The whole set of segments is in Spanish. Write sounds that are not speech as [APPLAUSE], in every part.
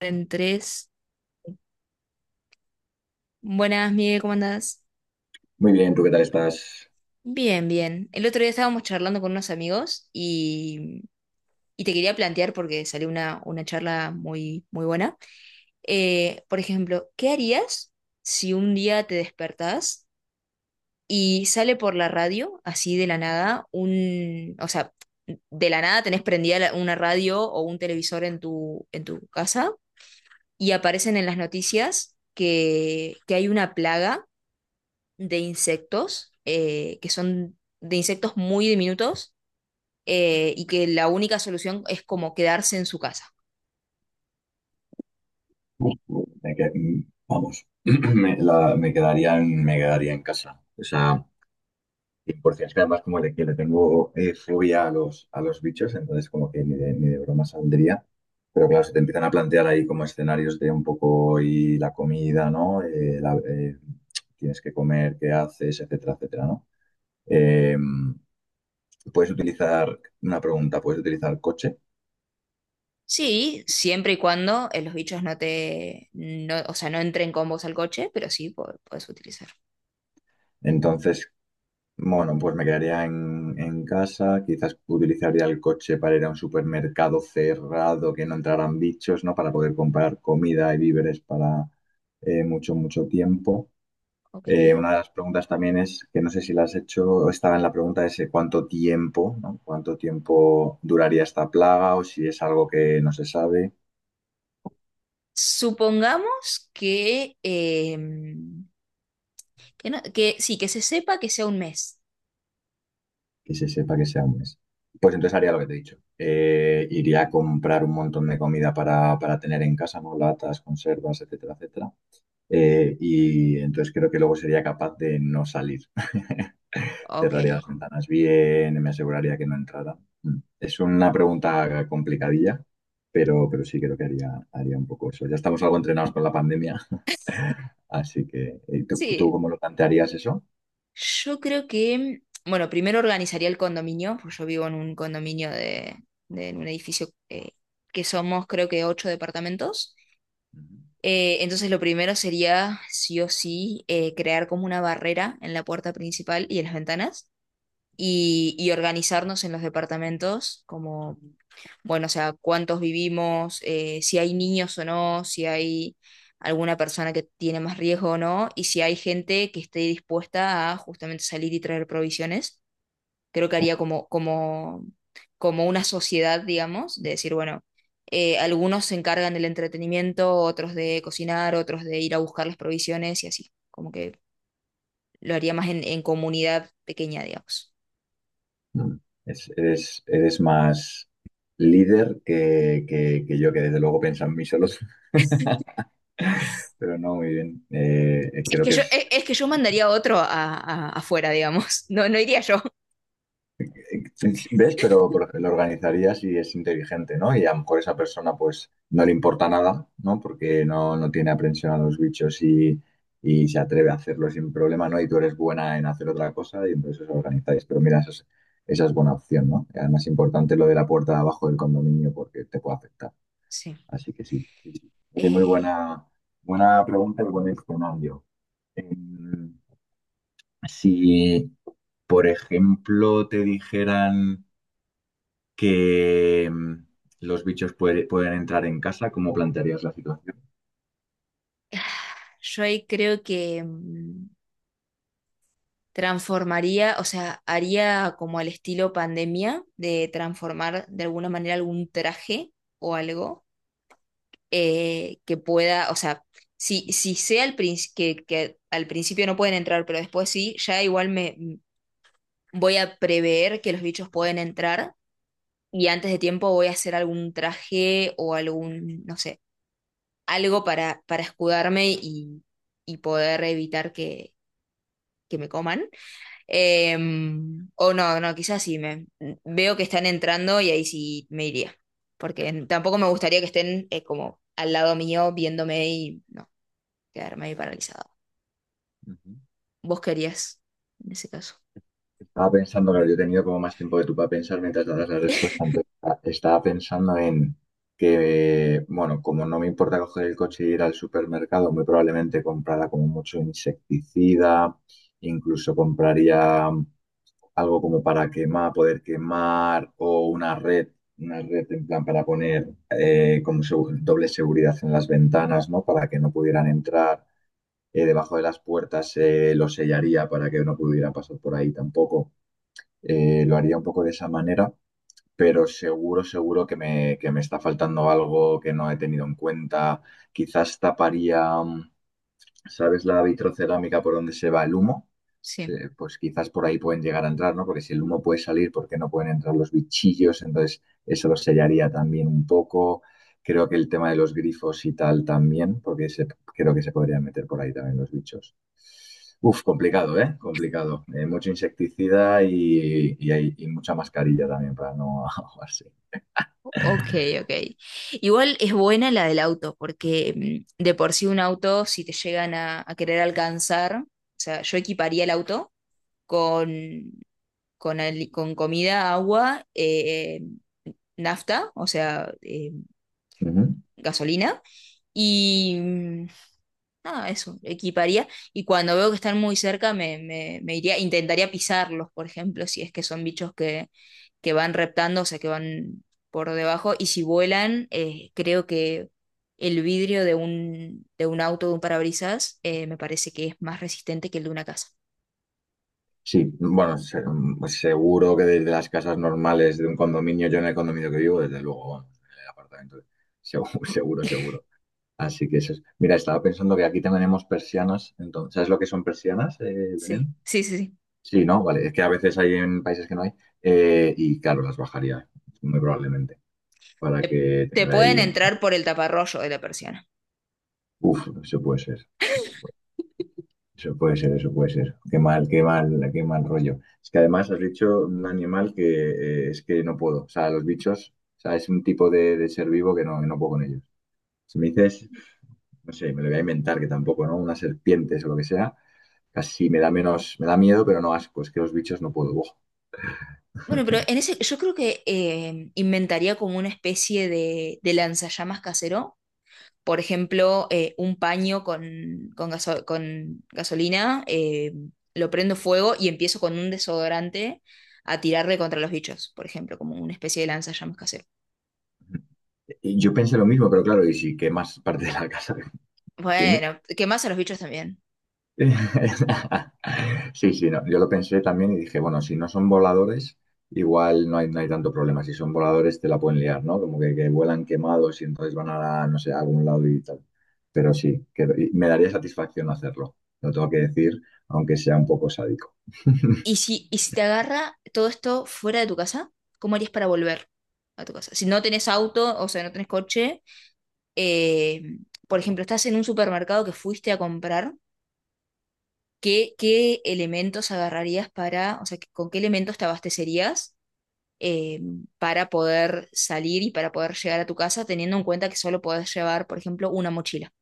En tres. Buenas, Miguel, ¿cómo andás? Muy bien, ¿tú qué tal estás? Bien, bien. El otro día estábamos charlando con unos amigos y te quería plantear, porque salió una charla muy, muy buena. Por ejemplo, ¿qué harías si un día te despertás y sale por la radio, así de la nada, de la nada tenés prendida una radio o un televisor en en tu casa y aparecen en las noticias que hay una plaga de insectos, que son de insectos muy diminutos, y que la única solución es como quedarse en su casa. Me que- mm, Vamos, [CLEARS THROAT] me quedaría me quedaría en casa. O sea, 100%. Es que además que le tengo fobia a los bichos, entonces como que ni de, ni de broma saldría. Pero claro, se te empiezan a plantear ahí como escenarios de un poco y la comida, ¿no? Tienes que comer, qué haces, etcétera, etcétera, ¿no? Eh, puedes utilizar, una pregunta, ¿puedes utilizar coche? Sí, siempre y cuando los bichos no o sea, no entren con vos al coche, pero sí podés utilizar. Entonces, bueno, pues me quedaría en casa, quizás utilizaría el coche para ir a un supermercado cerrado, que no entraran bichos, ¿no? Para poder comprar comida y víveres para mucho, mucho tiempo. Ok. Una de las preguntas también es, que no sé si la has hecho, estaba en la pregunta ese cuánto tiempo, ¿no? ¿Cuánto tiempo duraría esta plaga o si es algo que no se sabe? Supongamos que, que sí, que se sepa que sea un mes. Que se sepa que sea un mes. Pues entonces haría lo que te he dicho. Iría a comprar un montón de comida para tener en casa, ¿no? Latas, conservas, etcétera, etcétera. Y entonces creo que luego sería capaz de no salir. [LAUGHS] Ok. Cerraría las ventanas bien, me aseguraría que no entrara. Mm. Es una pregunta complicadilla, pero sí creo que haría, haría un poco eso. Ya estamos algo entrenados con la pandemia, [LAUGHS] así que ¿tú, tú Sí, cómo lo plantearías eso? yo creo que, bueno, primero organizaría el condominio, porque yo vivo en un condominio en un edificio que somos creo que 8 departamentos. Ujú. Entonces lo primero sería, sí o sí, crear como una barrera en la puerta principal y en las ventanas y organizarnos en los departamentos como bueno, o sea, cuántos vivimos, si hay niños o no, si hay alguna persona que tiene más riesgo o no, y si hay gente que esté dispuesta a justamente salir y traer provisiones. Creo que haría como una sociedad, digamos, de decir, bueno, algunos se encargan del entretenimiento, otros de cocinar, otros de ir a buscar las provisiones y así. Como que lo haría más en comunidad pequeña, digamos. Mm. Eres, eres más líder que yo, que desde luego piensa en mí solo, [LAUGHS] pero no, muy bien. Es Creo que que yo, es, es que yo mandaría a otro afuera, digamos. [LAUGHS] No, no iría yo. eh, ¿ves? Pero por ejemplo, lo organizaría si es inteligente, ¿no? Y a lo mejor esa persona pues no le importa nada, ¿no? Porque no, no tiene aprensión a los bichos y se atreve a hacerlo sin problema, ¿no? Y tú eres buena en hacer otra cosa y entonces os organizáis. Pero mira, esa es buena opción, ¿no? Y además es importante lo de la puerta de abajo del condominio porque te puede afectar. Sí. Así que sí, sí, sí. Oye, muy Eh, buena, buena pregunta y buen escenario. Em, si, por ejemplo, te dijeran que los pueden entrar en casa, ¿cómo plantearías la situación? [SIGHS] yo ahí creo que transformaría, o sea, haría como al estilo pandemia de transformar de alguna manera algún traje o algo que pueda, o sea, si sea al que al principio no pueden entrar, pero después sí, ya igual voy a prever que los bichos pueden entrar y antes de tiempo voy a hacer algún traje o algún, no sé, algo para escudarme y poder evitar que me coman. Eh, o no, no, quizás sí, me, veo que están entrando y ahí sí me iría. Porque tampoco me gustaría que estén como al lado mío viéndome y no, quedarme ahí paralizado. Ujú. ¿Vos querías en ese caso? Estaba pensando, claro, yo he tenido como más tiempo que tú para pensar mientras dabas la respuesta. Entonces, estaba pensando en que, bueno, como no me importa coger el coche y ir al supermercado, muy probablemente comprara como mucho insecticida, incluso compraría algo como para quemar, poder quemar o una red en plan para poner como doble seguridad en las ventanas, ¿no? Para que no pudieran entrar debajo de las puertas, lo sellaría para que no pudiera pasar por ahí tampoco. Lo haría un poco de esa manera, pero seguro, seguro que me está faltando algo que no he tenido en cuenta. Quizás taparía. ¿Sabes la vitrocerámica por donde se va el humo? Sí. Pues quizás por ahí pueden llegar a entrar, ¿no? Porque si el humo puede salir, ¿por qué no pueden entrar los bichillos? Entonces, eso lo sellaría también un poco. Creo que el tema de los grifos y tal también, creo que se podrían meter por ahí también los bichos. Uf, complicado, ¿eh? Complicado. Mucho insecticida y mucha mascarilla también para no [LAUGHS] ahogarse. Ok, ok. Igual es buena la del auto, porque de por sí un auto, si te llegan a querer alcanzar, o sea, yo equiparía el auto con, con comida, agua, nafta, o sea, Ujú. gasolina. Y nada, eso, equiparía. Y cuando veo que están muy cerca, me iría, intentaría pisarlos, por ejemplo, si es que son bichos que van reptando, o sea, que van por debajo. Y si vuelan, creo que el vidrio de de un auto, de un parabrisas, me parece que es más resistente que el de una casa. Sí, bueno, seguro que desde las casas normales de un condominio, yo en el condominio que vivo, desde luego, vamos, en el apartamento, seguro, [LAUGHS] seguro, seguro. Así que eso es. Mira, estaba pensando que aquí tenemos persianas, entonces, ¿sabes lo que son persianas, Sí, Belén? sí, sí, sí. Sí, ¿no? Vale, es que a veces hay en países que no hay, y claro, las bajaría, muy probablemente, para Te, que Te tenga pueden ahí una... entrar por el taparroyo de la persiana. Uf, eso puede ser. Eso puede ser, eso puede ser. Qué mal, qué mal, qué mal rollo. Es que además has dicho un animal que es que no puedo. O sea, los bichos, o sea, es un tipo de ser vivo que no puedo con ellos. Si me dices, no sé, me lo voy a inventar, que tampoco, ¿no? Unas serpientes o lo que sea, casi me da menos, me da miedo, pero no asco. Es que los bichos no puedo. Buah. Bueno, pero en ese, yo creo que inventaría como una especie de lanzallamas casero. Por ejemplo, un paño con gasolina, lo prendo fuego y empiezo con un desodorante a tirarle contra los bichos, por ejemplo, como una especie de lanzallamas casero. Y yo pensé lo mismo, pero claro, ¿y si quemas parte de la casa? [LAUGHS] ¿Entiendes? Bueno, quemás a los bichos también. [LAUGHS] Sí, sí, no. Yo lo pensé también y dije, bueno, si no son voladores, igual no hay, no hay tanto problema. Si son voladores, te la pueden liar, ¿no? Como que vuelan quemados y entonces van a, no sé, a algún lado y tal. Pero sí, que, y me daría satisfacción hacerlo. Lo tengo que decir, aunque sea un poco sádico. ¿Y y si te agarra todo esto fuera de tu casa? ¿Cómo harías para volver a tu casa? Si no tenés auto, o sea, no tenés coche. eh, por ejemplo, estás en un supermercado que fuiste a comprar, qué elementos agarrarías para, o sea, con qué elementos te abastecerías eh, para poder salir y para poder llegar a tu casa, teniendo en cuenta que solo podés llevar, por ejemplo, una mochila?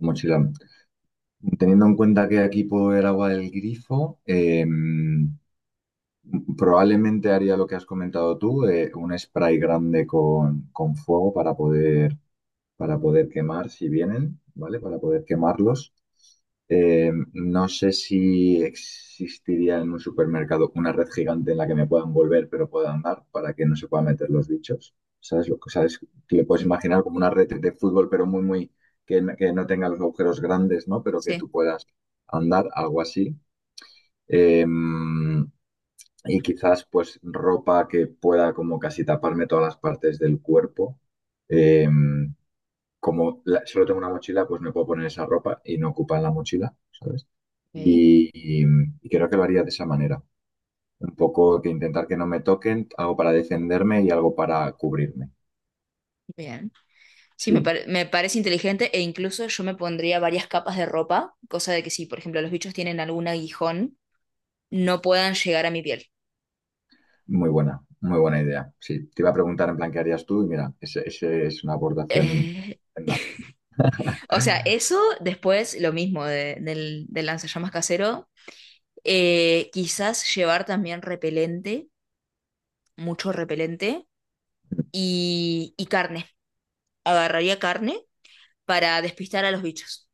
Mochila. Teniendo en cuenta que aquí puedo ver agua del grifo, probablemente haría lo que has comentado tú, un spray grande con fuego para poder quemar si vienen, ¿vale? Para poder quemarlos. No sé si existiría en un supermercado una red gigante en la que me puedan envolver pero pueda andar para que no se puedan meter los bichos. ¿Sabes lo que sabes? Te le puedes Sí, imaginar como una red de fútbol, pero muy, muy, que, que no tenga los agujeros grandes, ¿no? Pero que sí. tú puedas andar, algo así. Eh, y quizás, pues, ropa que pueda como casi taparme todas las partes del cuerpo. Eh, solo tengo una mochila, pues me puedo poner esa ropa y no ocupa la mochila, ¿sabes? Ok. Y, y- y creo que lo haría de esa manera. Un poco que intentar que no me toquen, algo para defenderme y algo para cubrirme. Bien. Sí, Sí, me parece inteligente, e incluso yo me pondría varias capas de ropa, cosa de que si, por ejemplo, los bichos tienen algún aguijón, no puedan llegar a mi piel. Muy buena idea. Sí, te iba a preguntar en plan qué harías tú y mira, ese es una abordación [LAUGHS] Eh, estupenda. [LAUGHS] O sea, eso después lo mismo del lanzallamas casero. Quizás llevar también repelente, mucho repelente y carne. Agarraría carne para despistar a los bichos.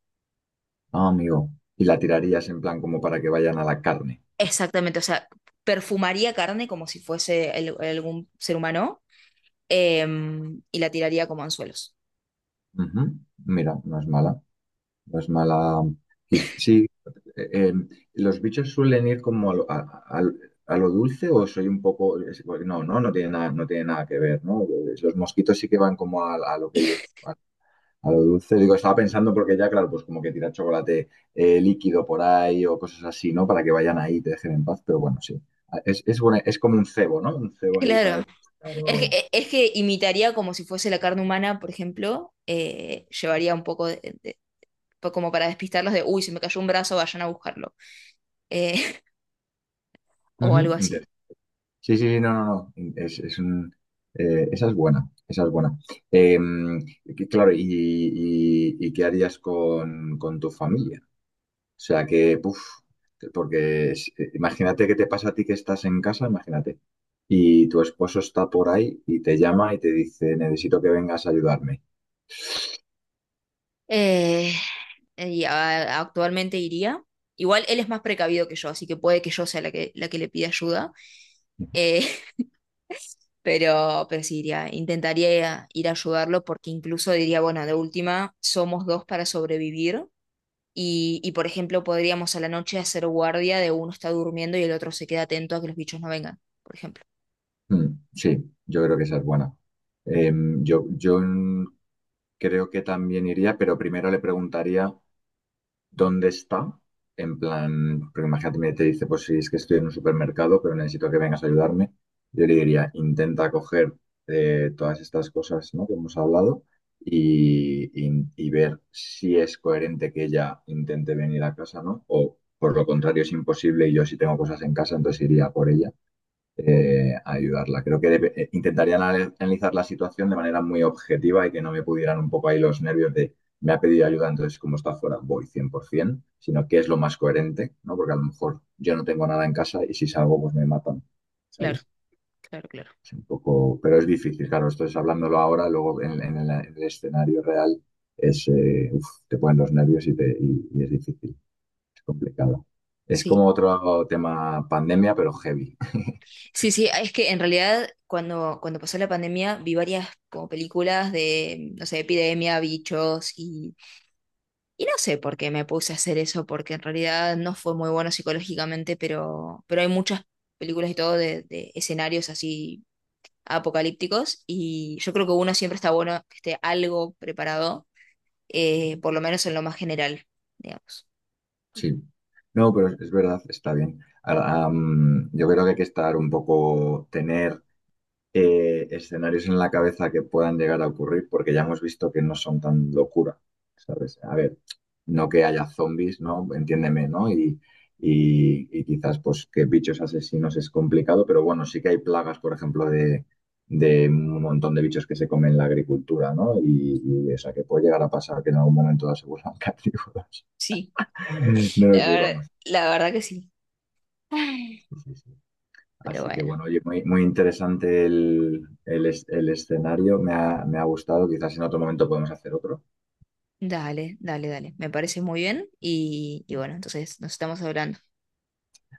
Ah, amigo. Y la tirarías en plan como para que vayan a la carne. Exactamente, o sea, perfumaría carne como si fuese algún ser humano, y la tiraría como anzuelos. Ujú, mira, no es mala. No es mala. Sí, eh, eh, los bichos suelen ir como a a lo dulce o soy un poco... No, no, no tiene nada, no tiene nada que ver, ¿no? Los mosquitos sí que van como a lo que ellos... [LAUGHS] A, a lo dulce. Digo, estaba pensando porque ya, claro, pues como que tira chocolate líquido por ahí o cosas así, ¿no? Para que vayan ahí y te dejen en paz, pero bueno, sí. Ah, es, es como un cebo, ¿no? Un cebo ahí Claro, para... Claro. Es que imitaría como si fuese la carne humana, por ejemplo, llevaría un poco de, como para despistarlos de, uy, se me cayó un brazo, vayan a buscarlo, eh, [LAUGHS] o Ujú, algo así. interesante. Sí, sí, sí, no, no, no. Es un, esa es buena, esa es buena. Eh, claro, y qué harías con tu familia? O sea, que, puf, porque imagínate que te pasa a ti que estás en casa, imagínate, y tu esposo está por ahí y te llama y te dice, necesito que vengas a ayudarme. Eh, Actualmente iría. Igual él es más precavido que yo, así que puede que yo sea la la que le pida ayuda. Eh, [LAUGHS] pero sí iría, intentaría ir a ayudarlo porque incluso diría, bueno, de última, somos dos para sobrevivir. Y, por ejemplo, podríamos a la noche hacer guardia de uno está durmiendo y el otro se queda atento a que los bichos no vengan, por ejemplo. Mm, sí, yo creo que esa es buena. Eh, yo, yo creo que también iría, pero primero le preguntaría. ¿Dónde está? En plan, porque imagínate, me te dice, pues si es que estoy en un supermercado, pero necesito que vengas a ayudarme. Yo le diría, intenta coger todas estas cosas, ¿no? Que hemos hablado y ver si es coherente que ella intente venir a casa, ¿no? O por lo contrario, es imposible y yo si tengo cosas en casa, entonces iría por ella ayudarla. Creo que intentaría analizar la situación de manera muy objetiva y que no me pudieran un poco ahí los nervios de me ha pedido ayuda, entonces como está fuera, voy 100%, sino qué es lo más coherente, ¿no? Porque a lo mejor yo no tengo nada en casa y si salgo, pues me matan, ¿sabes? Es un poco, pero es difícil, claro, esto es hablándolo ahora, luego en, en el escenario real es, uf, te ponen los nervios y, te, y es difícil, es complicado. Es Sí. como otro tema pandemia, pero heavy. Sí, sí, es que en realidad cuando, cuando pasó la pandemia vi varias como películas de, no sé, epidemia, bichos y no sé por qué me puse a hacer eso, porque en realidad no fue muy bueno psicológicamente, pero hay muchas películas y todo de escenarios así apocalípticos, y yo creo que uno siempre está bueno que esté algo preparado, por lo menos en lo más general, digamos. Sí, no, pero es verdad, está bien. Ah, am, yo creo que hay que estar un poco, tener escenarios en la cabeza que puedan llegar a ocurrir, porque ya hemos visto que no son tan locura, ¿sabes? A ver, no que haya zombies, ¿no? Entiéndeme, ¿no? Y quizás pues que bichos asesinos es complicado, pero bueno, sí que hay plagas, por ejemplo, de un montón de bichos que se comen la agricultura, ¿no? Y o sea, que puede llegar a pasar que en algún momento se vuelvan [LAUGHS] carnívoros. Sí, No los la verdad, llevamos. la verdad que sí. Ay. Sí, sí. Pero Así que bueno. bueno, oye, muy, muy interesante el, el escenario. Me ha gustado. Quizás en otro momento podemos hacer otro. Dale, dale, dale. Me parece muy bien y bueno, entonces nos estamos hablando.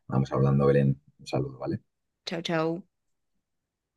Vamos hablando, Belén. Un saludo, ¿vale? Chau, chau.